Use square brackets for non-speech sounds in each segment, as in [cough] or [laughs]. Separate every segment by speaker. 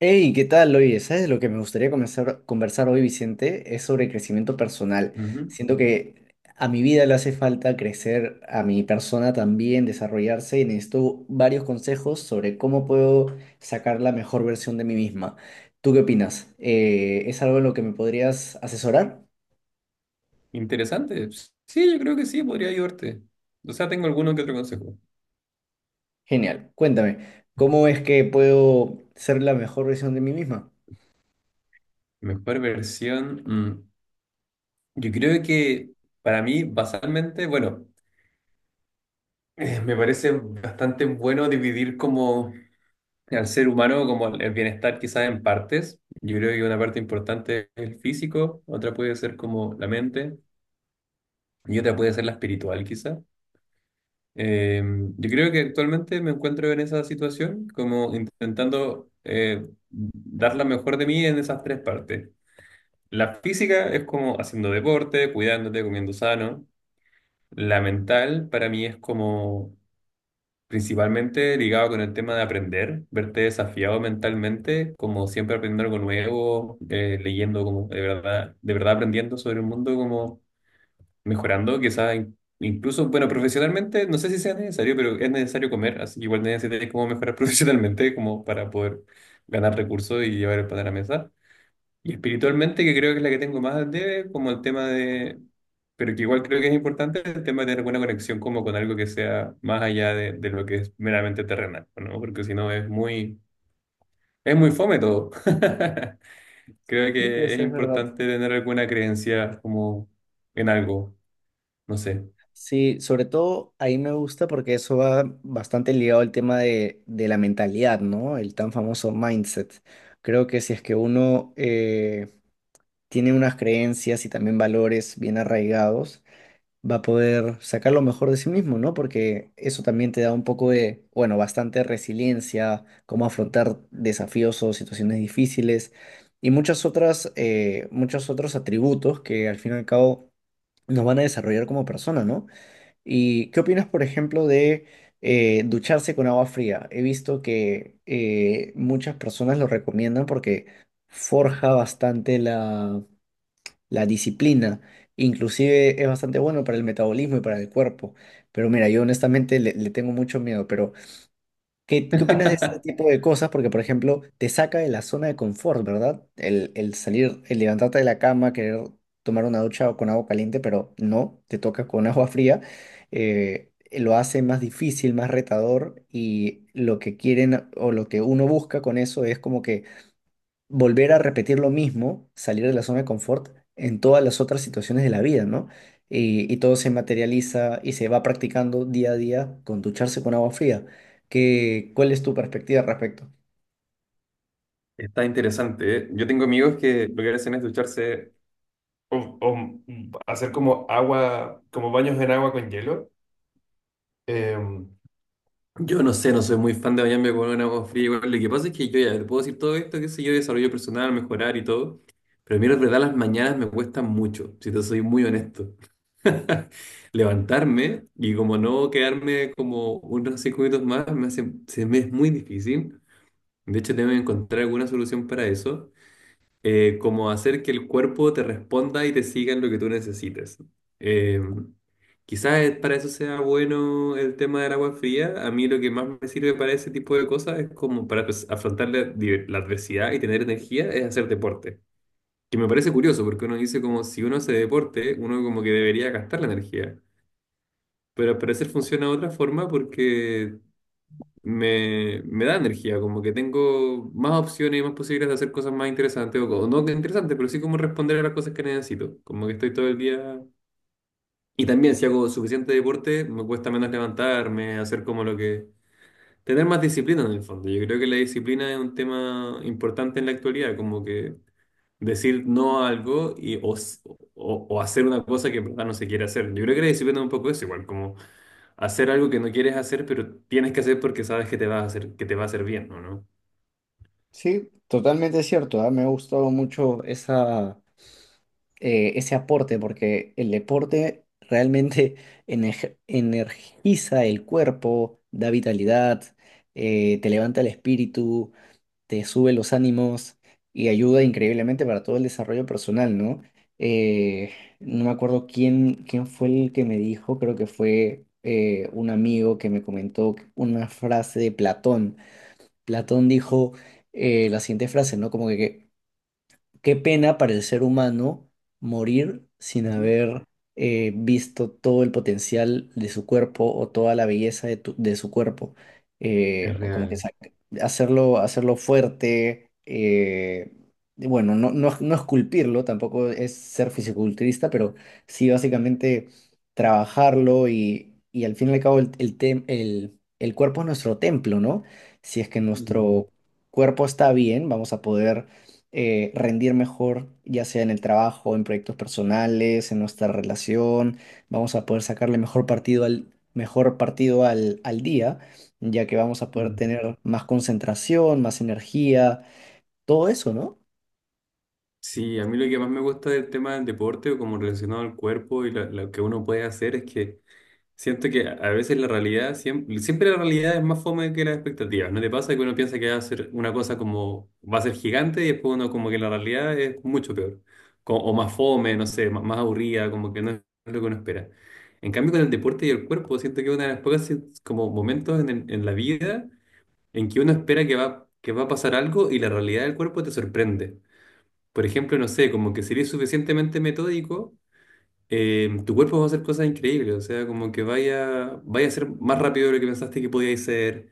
Speaker 1: Hey, ¿qué tal? Oye, ¿sabes lo que me gustaría conversar hoy, Vicente? Es sobre crecimiento personal.
Speaker 2: Ujú.
Speaker 1: Siento que a mi vida le hace falta crecer, a mi persona también, desarrollarse y necesito varios consejos sobre cómo puedo sacar la mejor versión de mí misma. ¿Tú qué opinas? ¿Es algo en lo que me podrías asesorar?
Speaker 2: Interesante. Sí, yo creo que sí, podría ayudarte. O sea, tengo alguno que otro consejo.
Speaker 1: Genial. Cuéntame, ¿cómo es que puedo ser la mejor versión de mí misma?
Speaker 2: Mejor versión. Yo creo que para mí, basalmente, bueno, me parece bastante bueno dividir como al ser humano, como el bienestar quizás en partes. Yo creo que una parte importante es el físico, otra puede ser como la mente y otra puede ser la espiritual quizás. Eh, yo creo que actualmente me encuentro en esa situación, como intentando dar la mejor de mí en esas tres partes. La física es como haciendo deporte, cuidándote, comiendo sano. La mental para mí es como principalmente ligado con el tema de aprender, verte desafiado mentalmente, como siempre aprendiendo algo nuevo, leyendo como de verdad aprendiendo sobre el mundo como mejorando, quizás incluso, bueno, profesionalmente, no sé si sea necesario, pero es necesario comer, así que igual necesitas como mejorar [laughs] profesionalmente como para poder ganar recursos y llevar el pan a la mesa. Y espiritualmente, que creo que es la que tengo más al debe, como el tema de, pero que igual creo que es importante, el tema de tener buena conexión como con algo que sea más allá de lo que es meramente terrenal, ¿no? Porque si no es muy, es muy fome todo. [laughs] Creo
Speaker 1: Sí,
Speaker 2: que
Speaker 1: pues
Speaker 2: es
Speaker 1: es verdad.
Speaker 2: importante tener alguna creencia como en algo, no sé.
Speaker 1: Sí, sobre todo ahí me gusta porque eso va bastante ligado al tema de la mentalidad, ¿no? El tan famoso mindset. Creo que si es que uno tiene unas creencias y también valores bien arraigados, va a poder sacar lo mejor de sí mismo, ¿no? Porque eso también te da un poco de, bueno, bastante resiliencia, cómo afrontar desafíos o situaciones difíciles y muchas otras, muchos otros atributos que al fin y al cabo nos van a desarrollar como persona, ¿no? ¿Y qué opinas, por ejemplo, de ducharse con agua fría? He visto que muchas personas lo recomiendan porque forja bastante la disciplina. Inclusive es bastante bueno para el metabolismo y para el cuerpo. Pero mira, yo honestamente le tengo mucho miedo, pero ¿qué opinas de ese
Speaker 2: [laughs]
Speaker 1: tipo de cosas? Porque, por ejemplo, te saca de la zona de confort, ¿verdad? El salir, el levantarte de la cama, querer tomar una ducha o con agua caliente, pero no, te toca con [laughs] agua fría. Lo hace más difícil, más retador y lo que quieren o lo que uno busca con eso es como que volver a repetir lo mismo, salir de la zona de confort en todas las otras situaciones de la vida, ¿no? Y todo se materializa y se va practicando día a día con ducharse con agua fría. ¿Qué, cuál es tu perspectiva al respecto?
Speaker 2: Está interesante, ¿eh? Yo tengo amigos que lo que hacen es ducharse o hacer como agua, como baños en agua con hielo. Eh, yo no sé, no soy muy fan de bañarme con un agua fría. Igual, lo que pasa es que yo ya te puedo decir todo esto, qué sé yo, desarrollo personal, mejorar y todo. Pero a mí, la verdad, las mañanas me cuestan mucho, si te soy muy honesto. [laughs] Levantarme y como no quedarme como unos 5 minutos más, me hace, se me es muy difícil. De hecho, tengo que encontrar alguna solución para eso. Como hacer que el cuerpo te responda y te siga en lo que tú necesites. Eh, quizás para eso sea bueno el tema del agua fría. A mí lo que más me sirve para ese tipo de cosas es como para pues, afrontar la adversidad y tener energía, es hacer deporte. Que me parece curioso porque uno dice como si uno hace deporte, uno como que debería gastar la energía. Pero al parecer funciona de otra forma porque me da energía, como que tengo más opciones y más posibilidades de hacer cosas más interesantes, no que interesantes, pero sí como responder a las cosas que necesito, como que estoy todo el día... Y también si hago suficiente deporte, me cuesta menos levantarme, hacer como lo que... Tener más disciplina en el fondo. Yo creo que la disciplina es un tema importante en la actualidad, como que decir no a algo o hacer una cosa que en verdad no se quiere hacer. Yo creo que la disciplina es un poco eso, igual como hacer algo que no quieres hacer, pero tienes que hacer porque sabes que te va a hacer, que te va a hacer bien, ¿o ¿no?
Speaker 1: Sí, totalmente cierto, ¿ah? Me ha gustado mucho esa, ese aporte porque el deporte realmente [laughs] energiza el cuerpo, da vitalidad, te levanta el espíritu. Te sube los ánimos y ayuda increíblemente para todo el desarrollo personal, ¿no? Eh, no me acuerdo quién fue el que me dijo, creo que fue un amigo que me comentó una frase de Platón. Platón dijo la siguiente frase, ¿no? Como que, qué pena para el ser humano morir sin
Speaker 2: Ujú.
Speaker 1: haber visto todo el potencial de su cuerpo o toda la belleza de, de su cuerpo.
Speaker 2: Es
Speaker 1: O como que
Speaker 2: real.
Speaker 1: hacerlo, hacerlo fuerte, y bueno, no, no, no esculpirlo, tampoco es ser fisiculturista, pero sí básicamente trabajarlo y al fin y al cabo el cuerpo es nuestro templo, ¿no? Si es que
Speaker 2: Mm,
Speaker 1: nuestro cuerpo está bien, vamos a poder rendir mejor, ya sea en el trabajo, en proyectos personales, en nuestra relación. Vamos a poder sacarle mejor partido al, al día, ya que vamos a poder
Speaker 2: mm.
Speaker 1: tener más concentración, más energía, todo eso, ¿no?
Speaker 2: Sí, a mí lo que más me gusta del tema del deporte, como relacionado al cuerpo y lo que uno puede hacer, es que siento que a veces la realidad, siempre, siempre la realidad es más fome que las expectativas. ¿No te pasa que uno piensa que va a ser una cosa como, va a ser gigante y después uno como que la realidad es mucho peor? Más fome, no sé, más, más aburrida, como que no es lo que uno espera. En cambio, con el deporte y el cuerpo, siento que es una de las pocas como momentos en, en la vida en que uno espera que va a pasar algo y la realidad del cuerpo te sorprende. Por ejemplo, no sé, como que sería suficientemente metódico tu cuerpo va a hacer cosas increíbles, o sea, como que vaya a ser más rápido de lo que pensaste que podíais ser,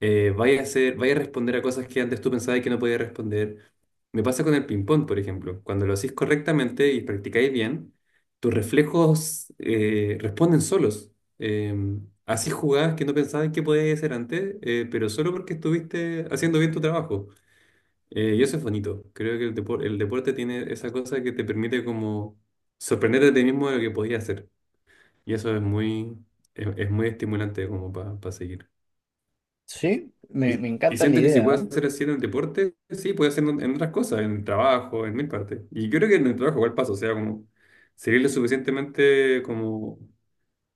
Speaker 2: vaya a responder a cosas que antes tú pensabas que no podías responder. Me pasa con el ping-pong, por ejemplo, cuando lo hacéis correctamente y practicáis bien, tus reflejos responden solos. Eh, así jugadas que no pensabas que podías hacer antes, pero solo porque estuviste haciendo bien tu trabajo. Y eso es bonito. Creo que el deporte tiene esa cosa que te permite como sorprenderte a ti mismo de lo que podías hacer. Y eso es muy estimulante como para seguir.
Speaker 1: Sí, me
Speaker 2: Y
Speaker 1: encanta la
Speaker 2: siento que si
Speaker 1: idea. ¿Ah?
Speaker 2: puedo hacer así en el deporte, sí, puedo hacer en otras cosas, en el trabajo, en mil partes. Y yo creo que en el trabajo igual paso, o sea, como seguir lo suficientemente como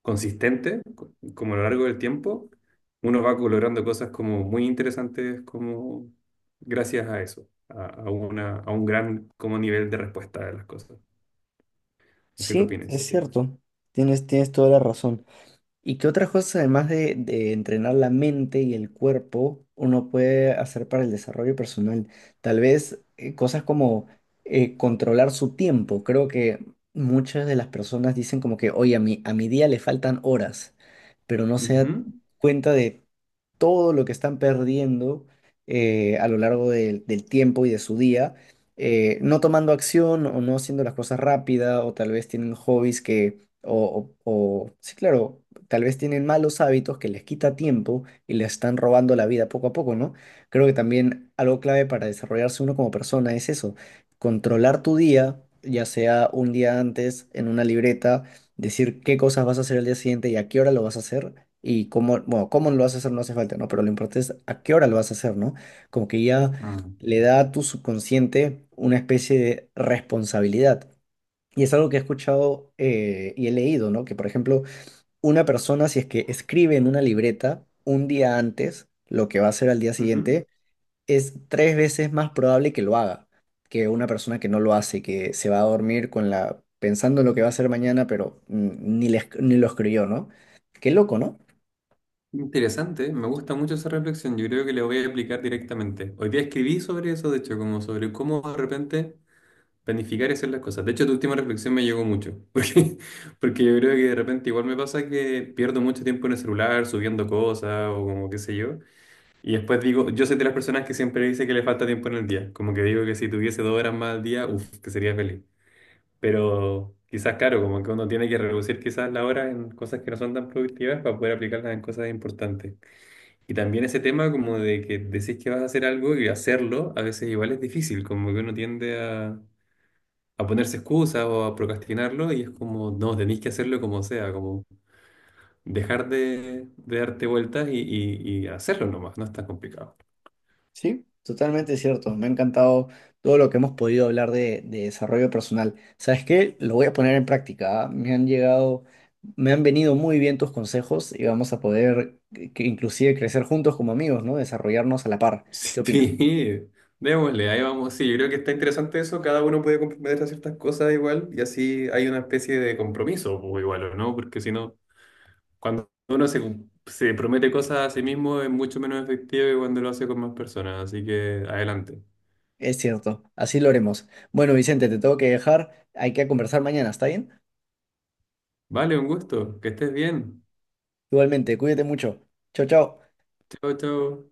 Speaker 2: consistente, como a lo largo del tiempo, uno va logrando cosas como muy interesantes como gracias a eso, a un gran como nivel de respuesta de las cosas. No sé qué
Speaker 1: Sí,
Speaker 2: opinas.
Speaker 1: es cierto. Tienes, tienes toda la razón. ¿Y qué otras cosas, además de entrenar la mente y el cuerpo, uno puede hacer para el desarrollo personal? Tal vez cosas como controlar su tiempo. Creo que muchas de las personas dicen como que, oye, a mi día le faltan horas, pero no se da
Speaker 2: Ujú.
Speaker 1: cuenta de todo lo que están perdiendo a lo largo del tiempo y de su día, no tomando acción o no haciendo las cosas rápida o tal vez tienen hobbies que, sí, claro, tal vez tienen malos hábitos que les quita tiempo y les están robando la vida poco a poco, ¿no? Creo que también algo clave para desarrollarse uno como persona es eso, controlar tu día, ya sea un día antes en una libreta, decir qué cosas vas a hacer el día siguiente y a qué hora lo vas a hacer y cómo, bueno, cómo lo vas a hacer no hace falta, ¿no? Pero lo importante es a qué hora lo vas a hacer, ¿no? Como que ya
Speaker 2: Mm.
Speaker 1: le da a tu subconsciente una especie de responsabilidad. Y es algo que he escuchado y he leído, ¿no? Que, por ejemplo, una persona, si es que escribe en una libreta un día antes lo que va a hacer al día
Speaker 2: Ujú.
Speaker 1: siguiente, es tres veces más probable que lo haga que una persona que no lo hace, que se va a dormir con la, pensando en lo que va a hacer mañana, pero ni lo escribió, ¿no? Qué loco, ¿no?
Speaker 2: Interesante, me gusta mucho esa reflexión. Yo creo que la voy a aplicar directamente. Hoy día escribí sobre eso, de hecho, como sobre cómo de repente planificar y hacer las cosas. De hecho, tu última reflexión me llegó mucho, [laughs] porque yo creo que de repente igual me pasa que pierdo mucho tiempo en el celular subiendo cosas o como qué sé yo. Y después digo, yo soy de las personas que siempre dice que le falta tiempo en el día. Como que digo que si tuviese 2 horas más al día, uff, que sería feliz. Pero quizás, claro, como que uno tiene que reducir quizás la hora en cosas que no son tan productivas para poder aplicarlas en cosas importantes. Y también ese tema como de que decís que vas a hacer algo y hacerlo a veces igual es difícil, como que uno tiende a ponerse excusas o a procrastinarlo y es como, no, tenéis que hacerlo como sea, como dejar de darte vueltas y hacerlo nomás, no es tan complicado. [laughs]
Speaker 1: Sí, totalmente cierto. Me ha encantado todo lo que hemos podido hablar de desarrollo personal. ¿Sabes qué? Lo voy a poner en práctica. ¿Ah? Me han venido muy bien tus consejos y vamos a poder que inclusive crecer juntos como amigos, ¿no? Desarrollarnos a la par. ¿Qué opinas?
Speaker 2: Sí, démosle, ahí vamos. Sí, yo creo que está interesante eso, cada uno puede comprometerse a ciertas cosas igual y así hay una especie de compromiso o igual, ¿o ¿no? Porque si no... Cuando uno se promete cosas a sí mismo es mucho menos efectivo que cuando lo hace con más personas. Así que adelante.
Speaker 1: Es cierto, así lo haremos. Bueno, Vicente, te tengo que dejar. Hay que conversar mañana, ¿está bien?
Speaker 2: Vale, un gusto. Que estés bien.
Speaker 1: Igualmente, cuídate mucho. Chao, chao.
Speaker 2: Chao, chao.